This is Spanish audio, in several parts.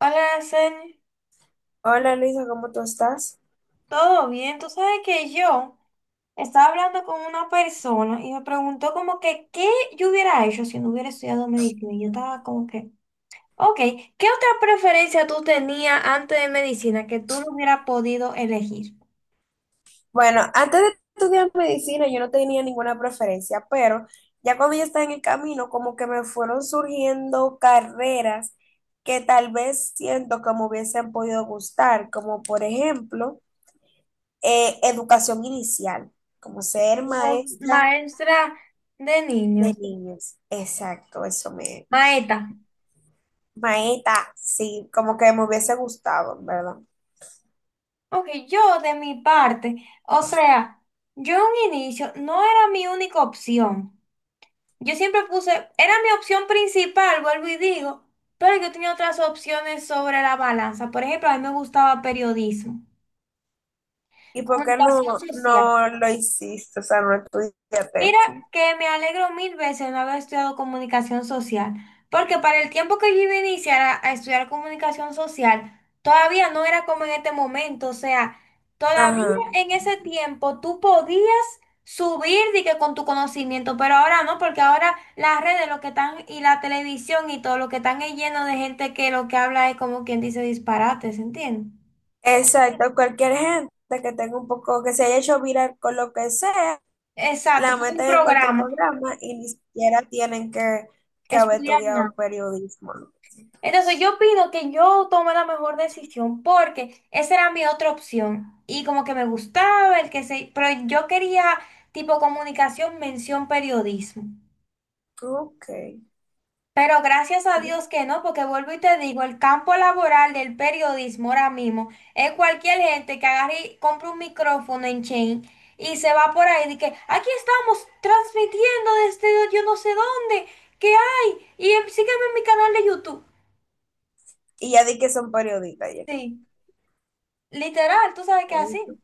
Hola, Sen, Hola Luisa, ¿cómo tú estás? ¿todo bien? Tú sabes que yo estaba hablando con una persona y me preguntó como que qué yo hubiera hecho si no hubiera estudiado medicina. Y yo estaba como que, ok, ¿qué otra preferencia tú tenías antes de medicina que tú no hubieras podido elegir? Bueno, antes de estudiar medicina yo no tenía ninguna preferencia, pero ya cuando yo estaba en el camino, como que me fueron surgiendo carreras que tal vez siento que me hubiesen podido gustar, como por ejemplo, educación inicial, como ser Como maestra Maestra de de niños, niños. Exacto, eso me... maeta. Maestra, sí, como que me hubiese gustado, ¿verdad? Ok, yo de mi parte, o sea, yo en un inicio no era mi única opción. Yo siempre puse, era mi opción principal, vuelvo y digo, pero yo tenía otras opciones sobre la balanza. Por ejemplo, a mí me gustaba periodismo, ¿Y por qué no, comunicación social. no lo hiciste? O sea, no estudiaste Mira eso. que me alegro mil veces de no haber estudiado comunicación social, porque para el tiempo que yo iba a iniciar a estudiar comunicación social, todavía no era como en este momento, o sea, todavía Ajá, en ese tiempo tú podías subir de que con tu conocimiento, pero ahora no, porque ahora las redes lo que están y la televisión y todo lo que están es lleno de gente que lo que habla es como quien dice disparates, ¿entiendes? exacto. Cualquier gente que tenga un poco, que se haya hecho viral con lo que sea, Exacto, la como un meten en cualquier programa, programa y ni siquiera tienen que haber estudiar nada. estudiado periodismo, ¿no? Entonces yo opino que yo tomé la mejor decisión porque esa era mi otra opción y como que me gustaba el que se, pero yo quería tipo comunicación, mención, periodismo. Ok. Pero gracias a Dios que no, porque vuelvo y te digo, el campo laboral del periodismo ahora mismo es cualquier gente que agarre y compre un micrófono en chain y se va por ahí y que aquí estamos transmitiendo desde yo no sé dónde, qué hay, y sígueme en mi canal de YouTube. Y ya di que son periodistas, ya. Sí, literal, tú sabes que así. Ay, no.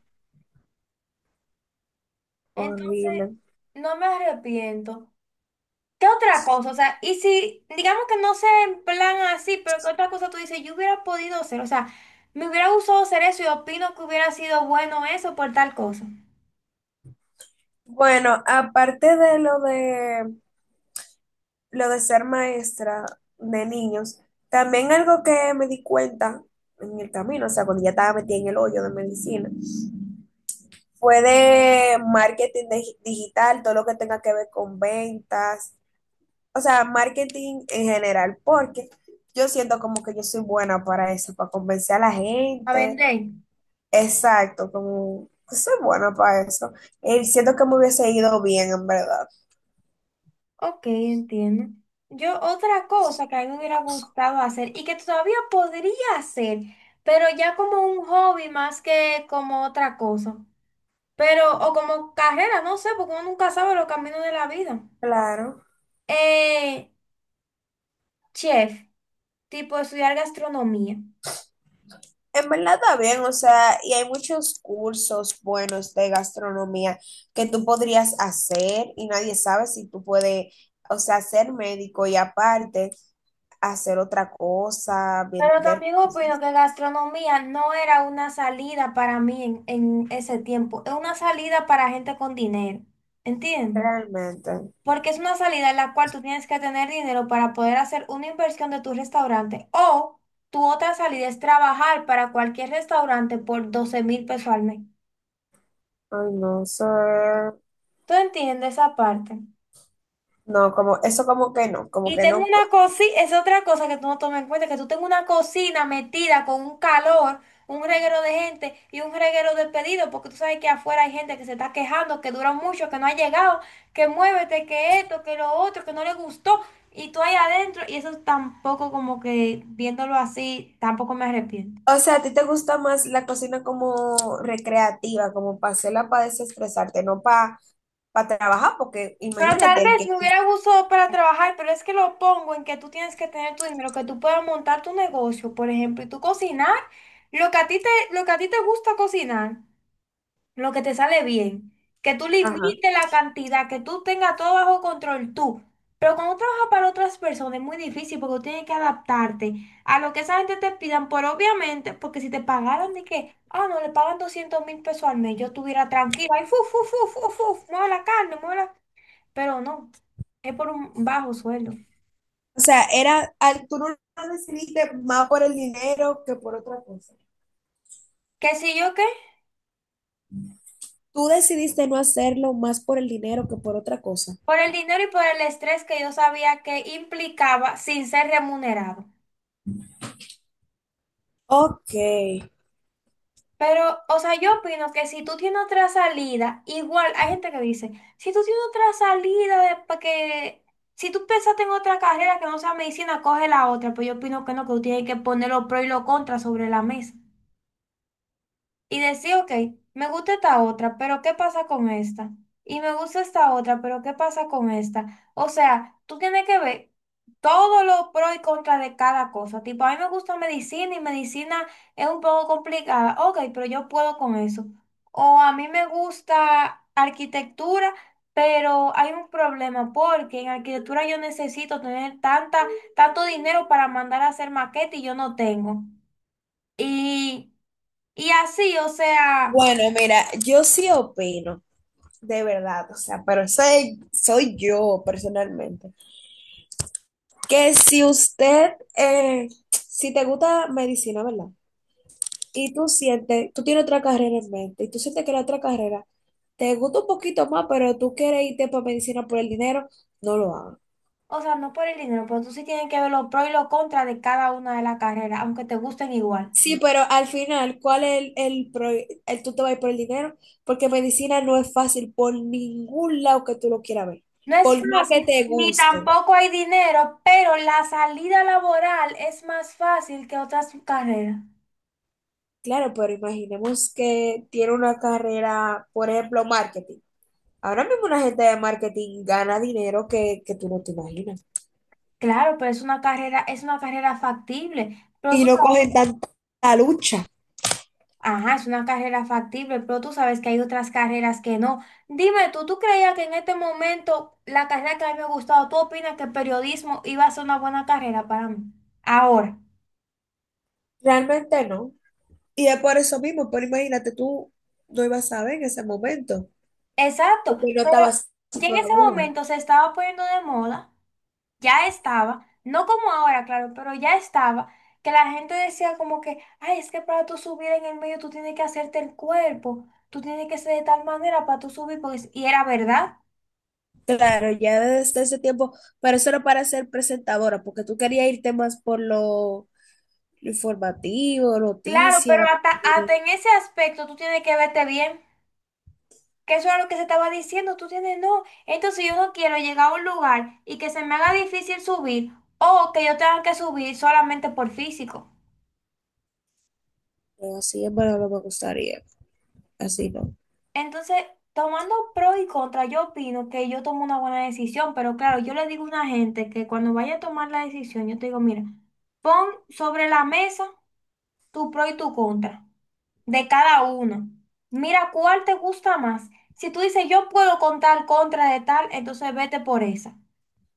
Entonces, Horrible. no me arrepiento. ¿Qué otra cosa? O sea, y si, digamos que no sé en plan así, pero ¿qué otra cosa tú dices? Yo hubiera podido hacer, o sea, me hubiera gustado hacer eso y opino que hubiera sido bueno eso por tal cosa. Bueno, aparte de lo de lo de ser maestra de niños, también algo que me di cuenta en el camino, o sea, cuando ya estaba metida en el hoyo de medicina, fue de marketing de- digital, todo lo que tenga que ver con ventas, o sea, marketing en general, porque yo siento como que yo soy buena para eso, para convencer a la A gente, vender. exacto, como que soy buena para eso, y siento que me hubiese ido bien en verdad. Ok, entiendo. Yo otra cosa que a mí me hubiera gustado hacer y que todavía podría hacer, pero ya como un hobby más que como otra cosa. Pero, o como carrera, no sé, porque uno nunca sabe los caminos de la vida. Claro. Eh, Chef, tipo estudiar gastronomía. En verdad está bien, o sea, y hay muchos cursos buenos de gastronomía que tú podrías hacer y nadie sabe si tú puedes, o sea, ser médico y aparte hacer otra cosa, Pero vender también opino que gastronomía no era una salida para mí en ese tiempo, es una salida para gente con dinero, ¿entiendes? realmente. Porque es una salida en la cual tú tienes que tener dinero para poder hacer una inversión de tu restaurante o tu otra salida es trabajar para cualquier restaurante por 12,000 pesos al mes. Ay, no sé. ¿Tú entiendes esa parte? No, como eso como que no, como Y que tengo no una cuadra. cocina, es otra cosa que tú no tomas en cuenta, que tú tengo una cocina metida con un calor, un reguero de gente y un reguero de pedidos, porque tú sabes que afuera hay gente que se está quejando, que dura mucho, que no ha llegado, que muévete, que esto, que lo otro, que no le gustó, y tú ahí adentro, y eso tampoco como que viéndolo así, tampoco me arrepiento. O sea, a ti te gusta más la cocina como recreativa, como para hacerla para desestresarte, no para para trabajar, porque Pero tal imagínate el vez que... me hubiera gustado para trabajar, pero es que lo pongo en que tú tienes que tener tu dinero, que tú puedas montar tu negocio, por ejemplo, y tú cocinar lo que a ti te, lo que a ti te gusta cocinar, lo que te sale bien, que tú Ajá. limites la cantidad, que tú tengas todo bajo control tú. Pero cuando trabajas para otras personas es muy difícil porque tú tienes que adaptarte a lo que esa gente te pidan, por obviamente, porque si te pagaran de que, ah, no, le pagan 200,000 pesos al mes, yo estuviera tranquila, y fu, fu, fu, fu, fu, mueve la carne, mueve la pero no, es por un bajo sueldo. O sea, era, al- tú no lo decidiste más por el dinero que por otra cosa. ¿Que si yo qué? Tú decidiste no hacerlo más por el dinero que por otra cosa. Por el dinero y por el estrés que yo sabía que implicaba sin ser remunerado. Ok, Pero, o sea, yo opino que si tú tienes otra salida, igual hay gente que dice, si tú tienes otra salida, de, pa' que, si tú pensaste en otra carrera que no sea medicina, coge la otra. Pero yo opino que no, que tú tienes que poner los pros y los contras sobre la mesa. Y decir, ok, me gusta esta otra, pero ¿qué pasa con esta? Y me gusta esta otra, pero ¿qué pasa con esta? O sea, tú tienes que ver todos los pros y contras de cada cosa. Tipo, a mí me gusta medicina y medicina es un poco complicada. Ok, pero yo puedo con eso. O a mí me gusta arquitectura, pero hay un problema porque en arquitectura yo necesito tener tanta, tanto dinero para mandar a hacer maqueta y yo no tengo. Y, y así, o sea... bueno, mira, yo sí opino, de verdad, o sea, pero soy, soy yo personalmente, que si usted, si te gusta medicina, ¿verdad? Y tú sientes, tú tienes otra carrera en mente, y tú sientes que la otra carrera te gusta un poquito más, pero tú quieres irte para medicina por el dinero, no lo hagas. O sea, no por el dinero, pero tú sí tienes que ver los pros y los contras de cada una de las carreras, aunque te gusten igual. Sí, pero al final, ¿cuál es pro- el tú te vas a ir por el dinero? Porque medicina no es fácil por ningún lado que tú lo quieras ver, No por es más que fácil, te ni guste. tampoco hay dinero, pero la salida laboral es más fácil que otras carreras. Claro, pero imaginemos que tiene una carrera, por ejemplo, marketing. Ahora mismo una gente de marketing gana dinero que tú no te imaginas. Claro, pero es una carrera factible. Pero tú Y no sabes... cogen tanta lucha. Ajá, es una carrera factible, pero tú sabes que hay otras carreras que no. Dime tú, ¿tú creías que en este momento la carrera que a mí me ha gustado, tú opinas que el periodismo iba a ser una buena carrera para mí? Ahora. Realmente no. Y es por eso mismo, pero imagínate, tú no ibas a ver en ese momento, Exacto, porque no pero estabas así ya en ese todavía. momento se estaba poniendo de moda, ya estaba, no como ahora, claro, pero ya estaba, que la gente decía como que, ay, es que para tú subir en el medio tú tienes que hacerte el cuerpo, tú tienes que ser de tal manera para tú subir, porque... es... y era verdad. Claro, ya desde ese tiempo, pero eso era para ser presentadora, porque tú querías irte más por lo informativo, Claro, pero noticias, hasta, pero hasta en ese aspecto tú tienes que verte bien, que eso era lo que se estaba diciendo, tú tienes no. Entonces yo no quiero llegar a un lugar y que se me haga difícil subir o que yo tenga que subir solamente por físico. así en verdad no me gustaría, así no. Entonces, tomando pro y contra, yo opino que yo tomo una buena decisión, pero claro, yo le digo a una gente que cuando vaya a tomar la decisión, yo te digo, mira, pon sobre la mesa tu pro y tu contra de cada uno. Mira cuál te gusta más. Si tú dices, yo puedo contar contra de tal, entonces vete por esa.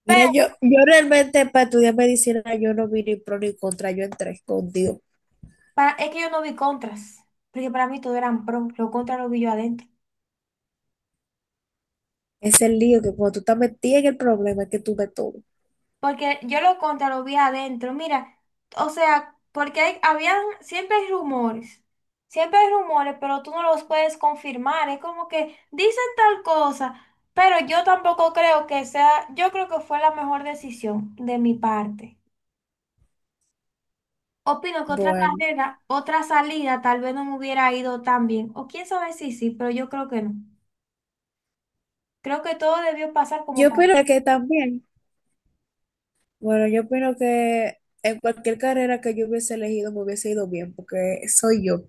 Pero Mira, yo realmente para estudiar medicina yo no vi ni pro ni contra, yo entré con Dios. Es que yo no vi contras, porque para mí todo eran pro, lo contra lo vi yo adentro. Es el lío que cuando tú estás metida en el problema es que tú ves todo. Porque yo lo contra lo vi adentro. Mira, o sea, porque habían, siempre hay rumores. Siempre hay rumores, pero tú no los puedes confirmar. Es como que dicen tal cosa, pero yo tampoco creo que sea, yo creo que fue la mejor decisión de mi parte. Opino que otra Bueno, carrera, otra salida, tal vez no me hubiera ido tan bien. O quién sabe si sí, pero yo creo que no. Creo que todo debió pasar como yo opino pasó. que también, bueno, yo opino que en cualquier carrera que yo hubiese elegido me hubiese ido bien, porque soy yo.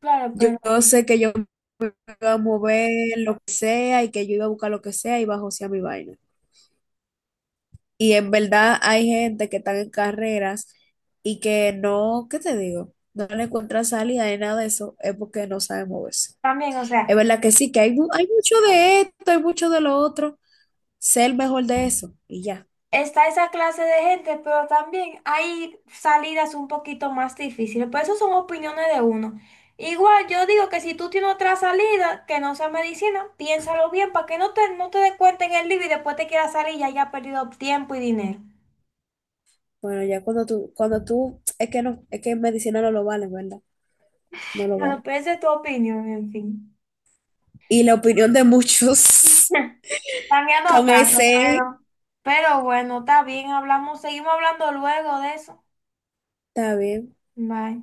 Claro, Yo, pero yo sé que yo me iba a mover lo que sea y que yo iba a buscar lo que sea y iba a josear mi vaina. Y en verdad hay gente que están en carreras y que no, ¿qué te digo? No le encuentra salida ni nada de eso, es porque no sabe moverse. también, o Es sea. verdad que sí, que hay, mu- hay mucho de esto, hay mucho de lo otro, sé el mejor de eso y ya. Está esa clase de gente, pero también hay salidas un poquito más difíciles. Pero eso son opiniones de uno. Igual yo digo que si tú tienes otra salida que no sea medicina, piénsalo bien para que no te des cuenta en el libro y después te quieras salir y hayas perdido tiempo y dinero. Bueno, ya cuando tú, es que no, es que en medicina no lo vale, ¿verdad? No lo Bueno, vale. pero esa es tu opinión, en fin. Y la opinión de muchos También no con tanto, ese, pero... Pero bueno, está bien, hablamos, seguimos hablando luego de eso. está bien. Bye.